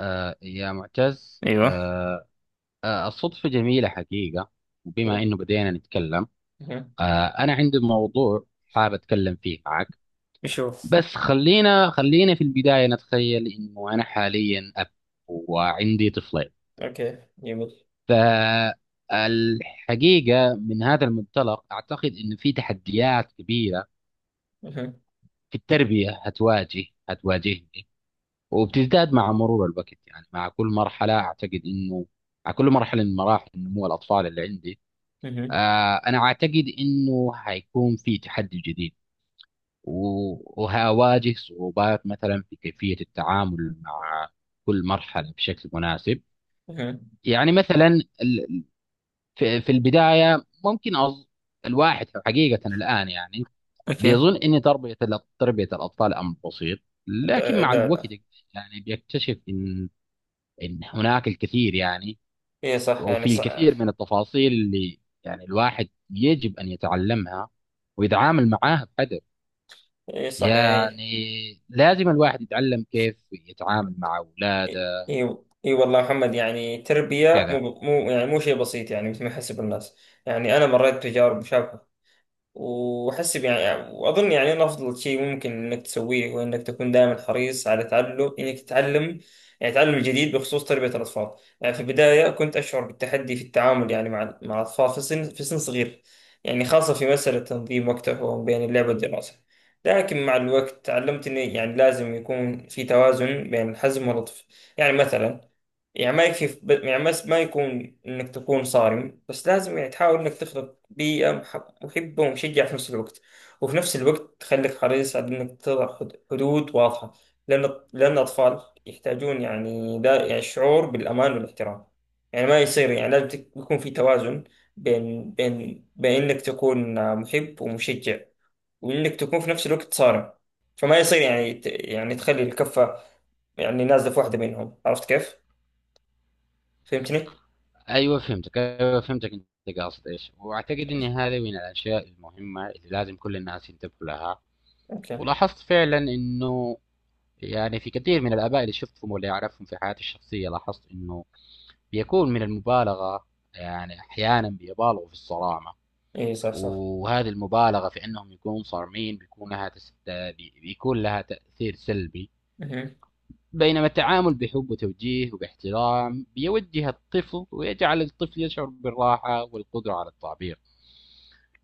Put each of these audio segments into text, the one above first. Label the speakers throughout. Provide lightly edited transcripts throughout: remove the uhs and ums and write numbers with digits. Speaker 1: يا معتز
Speaker 2: ايوه
Speaker 1: آه آه الصدفة جميلة حقيقة. وبما
Speaker 2: كده.
Speaker 1: إنه بدينا نتكلم،
Speaker 2: مهم.
Speaker 1: أنا عندي موضوع حابب أتكلم فيه معك.
Speaker 2: نشوف.
Speaker 1: بس خلينا في البداية نتخيل إنه أنا حاليا أب وعندي طفلين.
Speaker 2: اوكي جميل.
Speaker 1: فالحقيقة من هذا المنطلق أعتقد إنه في تحديات كبيرة
Speaker 2: مهم.
Speaker 1: في التربية هتواجهني، وبتزداد مع مرور الوقت، يعني مع كل مرحلة أعتقد إنه مع كل مرحلة من مراحل نمو الأطفال اللي عندي.
Speaker 2: مهم.
Speaker 1: أنا أعتقد إنه حيكون في تحدي جديد، و- وهواجه صعوبات مثلا في كيفية التعامل مع كل مرحلة بشكل مناسب.
Speaker 2: مهم.
Speaker 1: يعني مثلا ال- في البداية ممكن الواحد حقيقة الآن يعني
Speaker 2: اوكي.
Speaker 1: بيظن إن تربية تربية الأطفال أمر بسيط، لكن
Speaker 2: لا
Speaker 1: مع
Speaker 2: لا
Speaker 1: الوقت
Speaker 2: لا.
Speaker 1: يعني بيكتشف إن هناك الكثير، يعني
Speaker 2: ايه صح يعني
Speaker 1: وفي الكثير
Speaker 2: صح.
Speaker 1: من التفاصيل اللي يعني الواحد يجب أن يتعلمها ويتعامل معاها بقدر،
Speaker 2: ايه صح
Speaker 1: يعني
Speaker 2: يعني.
Speaker 1: لازم الواحد يتعلم كيف يتعامل مع
Speaker 2: اي
Speaker 1: أولاده.
Speaker 2: إي- إي والله محمد، يعني تربية
Speaker 1: كذا.
Speaker 2: مو يعني مو شيء بسيط يعني مثل ما يحسب الناس. يعني انا مريت بتجارب مشابهة، وحسب يعني وأظن يعني أنا أفضل شيء ممكن إنك تسويه هو إنك تكون دائما حريص على تعلم إنك تتعلم. يعني تعلم الجديد بخصوص تربية الأطفال. يعني في البداية كنت أشعر بالتحدي في التعامل يعني مع الأطفال في سن صغير يعني خاصة في مسألة تنظيم وقتهم بين اللعب والدراسة. لكن مع الوقت تعلمت إني يعني لازم يكون في توازن بين الحزم واللطف. يعني مثلا، يعني ما يكفي. يعني بس ما يكون إنك تكون صارم، بس لازم يعني تحاول إنك تخلق بيئة محبة ومشجعة في نفس الوقت. وفي نفس الوقت تخليك حريص على إنك تضع حدود واضحة. لأن الأطفال يحتاجون يعني دا يعني شعور بالأمان والاحترام. يعني ما يصير، يعني يكون في توازن بين إنك تكون محب ومشجع، وإنك تكون في نفس الوقت صارم. فما يصير يعني يعني تخلي الكفة يعني نازلة في واحدة منهم. عرفت كيف؟ فهمتني؟
Speaker 1: أيوة فهمتك، أيوة فهمتك أنت قاصد إيش. وأعتقد أن هذه من الأشياء المهمة اللي لازم كل الناس ينتبهوا لها.
Speaker 2: اوكي.
Speaker 1: ولاحظت فعلا أنه يعني في كثير من الآباء اللي شفتهم واللي أعرفهم في حياتي الشخصية، لاحظت أنه بيكون من المبالغه، يعني احيانا بيبالغوا في الصرامه.
Speaker 2: اي صح صح.
Speaker 1: وهذه المبالغه في انهم يكونوا صارمين بيكون لها بيكون لها تاثير سلبي.
Speaker 2: اها.
Speaker 1: بينما التعامل بحب وتوجيه وباحترام بيوجه الطفل ويجعل الطفل يشعر بالراحه والقدره على التعبير.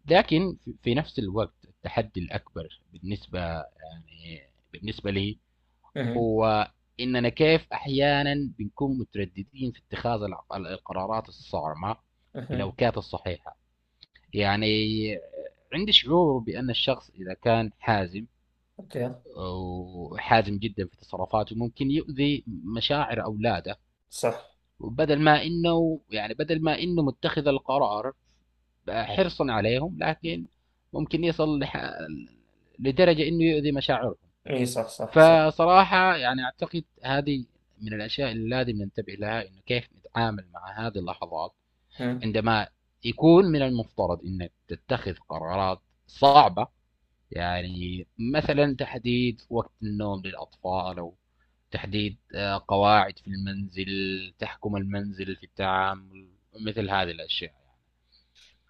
Speaker 1: لكن في نفس الوقت التحدي الاكبر بالنسبه يعني بالنسبه لي
Speaker 2: اها.
Speaker 1: هو اننا كيف احيانا بنكون مترددين في اتخاذ القرارات الصارمه في
Speaker 2: اها.
Speaker 1: الاوقات الصحيحه. يعني عندي شعور بان الشخص اذا كان حازم
Speaker 2: اوكي.
Speaker 1: وحازم جدا في تصرفاته ممكن يؤذي مشاعر اولاده،
Speaker 2: صح.
Speaker 1: بدل ما انه يعني بدل ما انه متخذ القرار حرصا عليهم، لكن ممكن يصل لدرجه انه يؤذي مشاعرهم.
Speaker 2: ايه صح صح صح.
Speaker 1: فصراحة يعني أعتقد هذه من الأشياء اللي لازم ننتبه لها، إنه كيف نتعامل مع هذه اللحظات
Speaker 2: ها.
Speaker 1: عندما يكون من المفترض إنك تتخذ قرارات صعبة. يعني مثلا تحديد وقت النوم للأطفال، أو تحديد قواعد في المنزل تحكم المنزل في التعامل، مثل هذه الأشياء.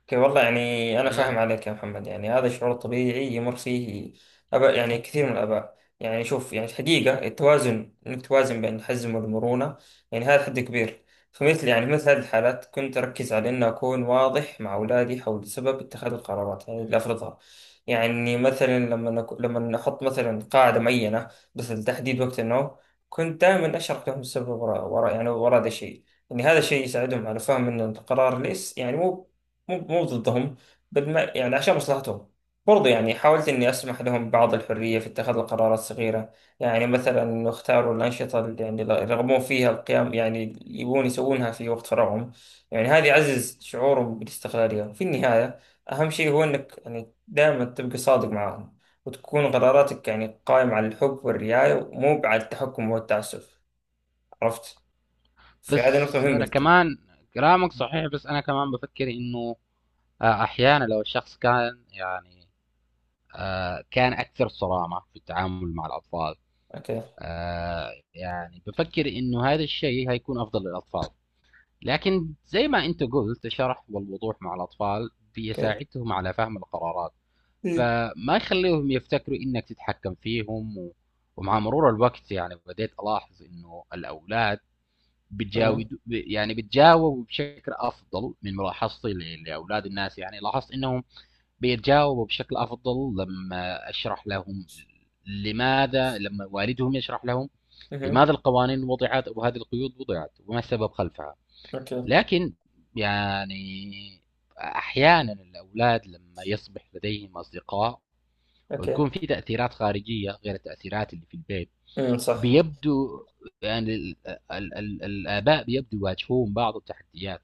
Speaker 2: اوكي والله، يعني أنا
Speaker 1: آه.
Speaker 2: فاهم عليك يا محمد. يعني هذا شعور طبيعي يمر فيه أباء، يعني كثير من الآباء. يعني شوف، يعني الحقيقة التوازن إنك توازن بين الحزم والمرونة، يعني هذا حد كبير. فمثل يعني مثل هذه الحالات كنت أركز على إن أكون واضح مع أولادي حول سبب اتخاذ القرارات يعني اللي أفرضها. يعني مثلا لما لما أحط مثلا قاعدة معينة مثل تحديد وقت النوم. كنت دائما أشرح لهم السبب وراء هذا الشيء. يعني هذا الشيء يساعدهم على فهم ان القرار ليس يعني مو ضدهم، بل ما يعني عشان مصلحتهم. برضه يعني حاولت إني أسمح لهم بعض الحرية في اتخاذ القرارات الصغيرة. يعني مثلا اختاروا الأنشطة اللي يعني يرغبون فيها القيام، يعني يبون يسوونها في وقت فراغهم. يعني هذا يعزز شعورهم بالاستقلالية. وفي النهاية أهم شيء هو إنك يعني دائما تبقى صادق معهم، وتكون قراراتك يعني قائمة على الحب والرعاية ومو على التحكم والتعسف. عرفت؟ فهذه نقطة
Speaker 1: بس
Speaker 2: مهمة
Speaker 1: أنا
Speaker 2: جدا.
Speaker 1: كمان كلامك صحيح، بس أنا كمان بفكر إنه أحيانا لو الشخص كان يعني كان اكثر صرامه في التعامل مع الاطفال،
Speaker 2: أوكي.
Speaker 1: يعني بفكر انه هذا الشيء هيكون افضل للاطفال. لكن زي ما انت قلت، الشرح والوضوح مع الاطفال
Speaker 2: أوكي.
Speaker 1: بيساعدهم على فهم القرارات،
Speaker 2: مم.
Speaker 1: فما يخليهم يفتكروا انك تتحكم فيهم. ومع مرور الوقت يعني بديت الاحظ انه الاولاد بتجاود يعني بتجاوبوا بشكل افضل، من ملاحظتي لاولاد الناس يعني لاحظت انهم بيتجاوبوا بشكل افضل لما اشرح لهم لماذا، لما والدهم يشرح لهم
Speaker 2: مهم.
Speaker 1: لماذا القوانين وضعت وهذه القيود وضعت وما السبب خلفها.
Speaker 2: اوكي.
Speaker 1: لكن يعني احيانا الاولاد لما يصبح لديهم اصدقاء
Speaker 2: اوكي.
Speaker 1: ويكون في تاثيرات خارجيه غير التاثيرات اللي في البيت،
Speaker 2: صح.
Speaker 1: بيبدو يعني الاباء بيبدو يواجهون بعض التحديات،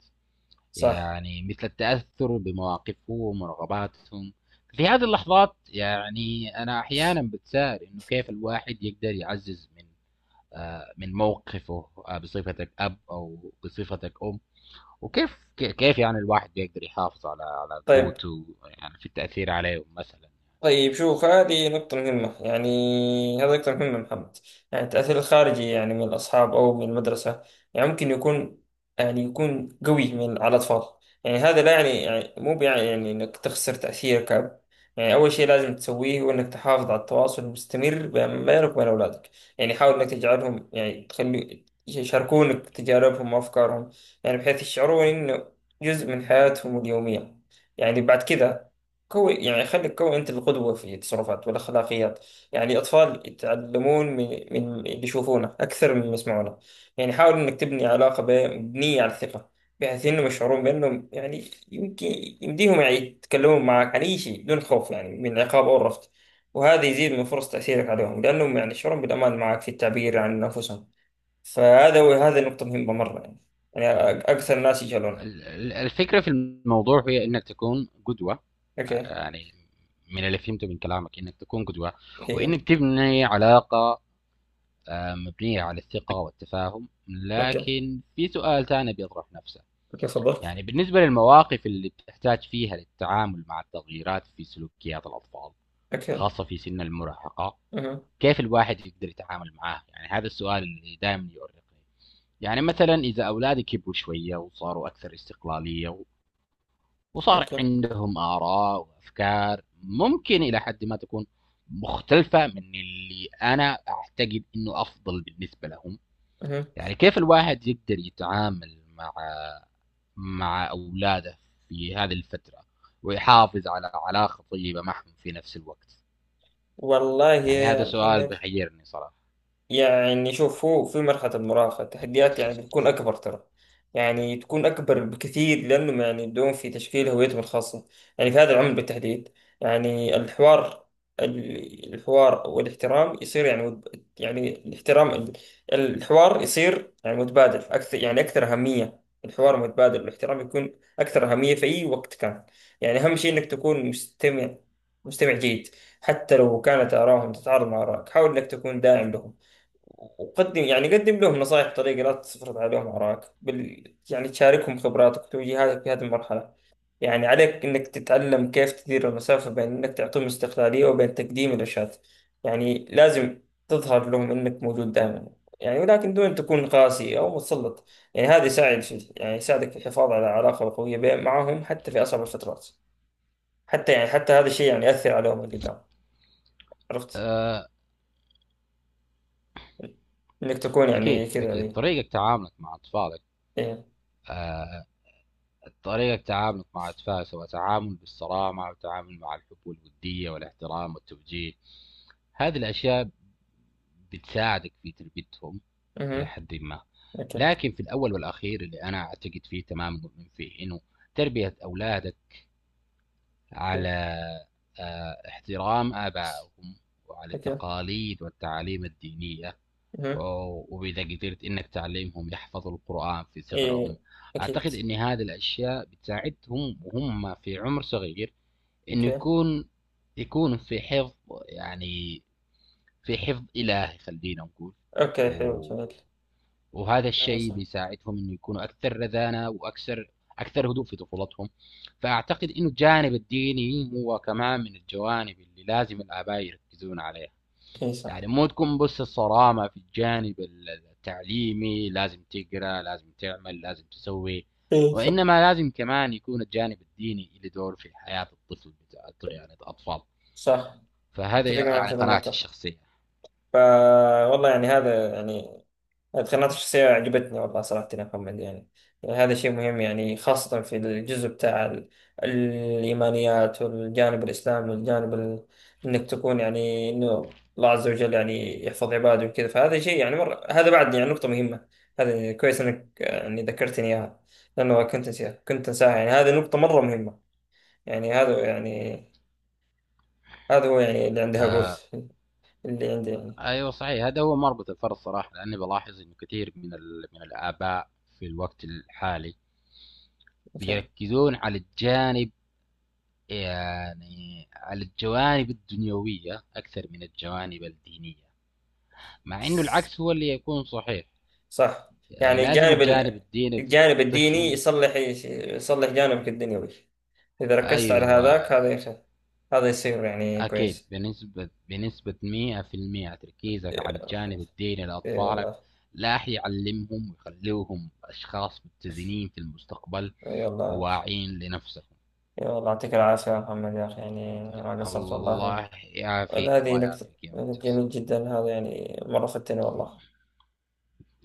Speaker 2: صح.
Speaker 1: يعني مثل التأثر بمواقفهم ورغباتهم. في هذه اللحظات يعني أنا أحيانا بتساءل إنه كيف الواحد يقدر يعزز من من موقفه، بصفتك أب أو بصفتك أم، وكيف كيف يعني الواحد يقدر يحافظ على
Speaker 2: طيب.
Speaker 1: قوته يعني في التأثير عليهم مثلا.
Speaker 2: طيب شوف، هذه نقطة مهمة يعني. هذه نقطة مهمة محمد. يعني التأثير الخارجي يعني من الأصحاب أو من المدرسة يعني ممكن يكون، يعني يكون قوي من على الأطفال. يعني هذا لا يعني، يعني مو يعني، يعني إنك تخسر تأثيرك كأب. يعني أول شيء لازم تسويه هو إنك تحافظ على التواصل المستمر بينك وبين أولادك. يعني حاول إنك تجعلهم، يعني تخلي يشاركونك تجاربهم وأفكارهم، يعني بحيث يشعرون إنه جزء من حياتهم اليومية. يعني بعد كذا كوي، يعني خليك كوي أنت القدوة في تصرفات والأخلاقيات. يعني الأطفال يتعلمون من اللي يشوفونه أكثر من اللي يسمعونه. يعني حاول إنك تبني علاقة مبنية على الثقة، بحيث إنهم يشعرون بأنهم يعني يمكن يمديهم يعني يتكلمون معك عن أي شيء بدون خوف، يعني من العقاب أو الرفض. وهذا يزيد من فرص تأثيرك عليهم، لأنهم يعني يشعرون بالأمان معك في التعبير عن أنفسهم. فهذا هو، هذه نقطة مهمة مرة يعني. يعني أكثر الناس يجهلونها.
Speaker 1: الفكرة في الموضوع هي إنك تكون قدوة،
Speaker 2: أوكي.
Speaker 1: يعني من اللي فهمته من كلامك إنك تكون قدوة،
Speaker 2: إيه.
Speaker 1: وإنك تبني علاقة مبنية على الثقة والتفاهم.
Speaker 2: أوكي.
Speaker 1: لكن في سؤال ثاني بيطرح نفسه،
Speaker 2: أوكي تفضل.
Speaker 1: يعني بالنسبة للمواقف اللي بتحتاج فيها للتعامل مع التغييرات في سلوكيات الأطفال،
Speaker 2: أوكي.
Speaker 1: خاصة في سن المراهقة، كيف الواحد يقدر يتعامل معاه؟ يعني هذا السؤال اللي دائما يؤرقني. يعني مثلا إذا أولادي كبروا شوية وصاروا أكثر استقلالية، وصار
Speaker 2: اوكي.
Speaker 1: عندهم آراء وأفكار ممكن إلى حد ما تكون مختلفة من اللي أنا أعتقد إنه أفضل بالنسبة لهم،
Speaker 2: مهم.
Speaker 1: يعني كيف الواحد يقدر يتعامل مع اولاده في هذه الفتره ويحافظ على علاقه طيبه معهم في نفس الوقت؟
Speaker 2: والله
Speaker 1: يعني
Speaker 2: يا
Speaker 1: هذا سؤال
Speaker 2: محمد،
Speaker 1: بيحيرني صراحه.
Speaker 2: يعني شوف، هو في مرحلة المراهقة التحديات يعني بتكون أكبر ترى. يعني تكون أكبر بكثير، لأنهم يعني يبدون في تشكيل هويتهم الخاصة يعني في هذا العمر بالتحديد. يعني الحوار، الحوار والاحترام يصير يعني يعني الاحترام الحوار يصير يعني متبادل أكثر، يعني أكثر أهمية، الحوار متبادل والاحترام يكون أكثر أهمية في أي وقت كان. يعني أهم شيء إنك تكون مستمع، مستمع جيد. حتى لو كانت آراهم تتعارض مع آرائك، حاول إنك تكون داعم لهم. وقدم، يعني قدم لهم نصائح بطريقة لا تفرض عليهم آرائك يعني تشاركهم خبراتك وتوجيهاتك في هذه المرحلة. يعني عليك إنك تتعلم كيف تدير المسافة بين إنك تعطيهم استقلالية وبين تقديم الإرشاد. يعني لازم تظهر لهم إنك موجود دائما، يعني ولكن دون تكون قاسي أو متسلط. يعني هذا يساعد في، يعني يساعدك في الحفاظ على علاقة قوية معهم حتى في أصعب الفترات. حتى يعني حتى هذا الشيء يعني يأثر عليهم قدام. عرفت،
Speaker 1: أه،
Speaker 2: إنك تكون يعني
Speaker 1: اكيد
Speaker 2: كذا.
Speaker 1: اكيد
Speaker 2: إيه.
Speaker 1: طريقه تعاملك مع اطفالك،
Speaker 2: إيه.
Speaker 1: طريقة تعاملك مع أطفال، سواء تعامل بالصرامة أو تعامل مع الحب والودية والاحترام والتوجيه، هذه الأشياء بتساعدك في تربيتهم إلى
Speaker 2: مهم.
Speaker 1: حد ما.
Speaker 2: أوكي.
Speaker 1: لكن في الأول والأخير اللي أنا أعتقد فيه، تماما مؤمن فيه، إنه تربية أولادك على احترام آبائهم وعلى
Speaker 2: اوكي.
Speaker 1: التقاليد والتعاليم الدينية،
Speaker 2: مهم.
Speaker 1: وإذا قدرت إنك تعلمهم يحفظوا القرآن في صغرهم،
Speaker 2: ايه. اكيد.
Speaker 1: أعتقد إن هذه الأشياء بتساعدهم وهم في عمر صغير، إنه
Speaker 2: اوكي.
Speaker 1: يكون في حفظ، يعني في حفظ إلهي خلينا نقول.
Speaker 2: اوكي حلو
Speaker 1: و...
Speaker 2: جميل.
Speaker 1: وهذا
Speaker 2: لا
Speaker 1: الشيء
Speaker 2: صح.
Speaker 1: بيساعدهم إنه يكونوا أكثر رزانة، وأكثر هدوء في طفولتهم. فأعتقد إنه الجانب الديني هو كمان من الجوانب اللي لازم الآباء يركزون عليها.
Speaker 2: اي
Speaker 1: يعني
Speaker 2: صح.
Speaker 1: مو تكون بس الصرامة في الجانب التعليمي، لازم تقرأ، لازم تعمل، لازم تسوي،
Speaker 2: اي صح
Speaker 1: وإنما لازم كمان يكون الجانب الديني له دور في حياة الطفل بتاع يعني الأطفال.
Speaker 2: صح.
Speaker 1: فهذا
Speaker 2: متفق معك
Speaker 1: يعني
Speaker 2: في هذه
Speaker 1: قناعتي
Speaker 2: النقطة.
Speaker 1: الشخصية.
Speaker 2: ف والله يعني هذا يعني التقنيات الشخصية عجبتني والله صراحة يا محمد. يعني يعني هذا شيء مهم، يعني خاصة في الجزء بتاع الإيمانيات والجانب الإسلامي والجانب إنك تكون يعني إنه الله عز وجل يعني يحفظ عباده وكذا. فهذا شيء يعني مرة، هذا بعد يعني نقطة مهمة. هذا كويس إنك يعني ذكرتني إياها، لأنه كنت أنساها كنت أنساها. يعني هذه نقطة مرة مهمة. يعني هذا يعني، هذا هو يعني اللي عندي أقول.
Speaker 1: آه.
Speaker 2: اللي عندي يعني.
Speaker 1: أيوه صحيح، هذا هو مربط الفرس صراحة. لأني بلاحظ إنه كثير من من الآباء في الوقت الحالي بيركزون على الجانب، يعني على الجوانب الدنيوية أكثر من الجوانب الدينية، مع انه
Speaker 2: أوكي.
Speaker 1: العكس هو اللي يكون صحيح.
Speaker 2: صح.
Speaker 1: يعني
Speaker 2: يعني
Speaker 1: لازم
Speaker 2: الجانب
Speaker 1: الجانب الديني في
Speaker 2: الجانب الديني
Speaker 1: الطفل.
Speaker 2: يصلح جانبك الدنيوي، إذا ركزت على
Speaker 1: ايوه
Speaker 2: هذاك. هذا هذا يصير يعني
Speaker 1: اكيد،
Speaker 2: كويس.
Speaker 1: بنسبه 100% تركيزك على الجانب الديني
Speaker 2: اي
Speaker 1: لاطفالك
Speaker 2: والله.
Speaker 1: لا يعلمهم ويخلوهم اشخاص متزنين في المستقبل
Speaker 2: اي والله.
Speaker 1: وواعين لنفسهم.
Speaker 2: اي والله، يعطيك العافية يا محمد يا أخي، يعني ما قصرت والله.
Speaker 1: الله يعافيك،
Speaker 2: هذه
Speaker 1: الله
Speaker 2: نكتة
Speaker 1: يعافيك يا معتصم.
Speaker 2: جميل جدا، هذا يعني مرة فتني والله.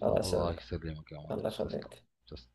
Speaker 2: الله
Speaker 1: الله
Speaker 2: يسلمك.
Speaker 1: يسلمك يا
Speaker 2: الله
Speaker 1: معتصم.
Speaker 2: يخليك.
Speaker 1: تسلم.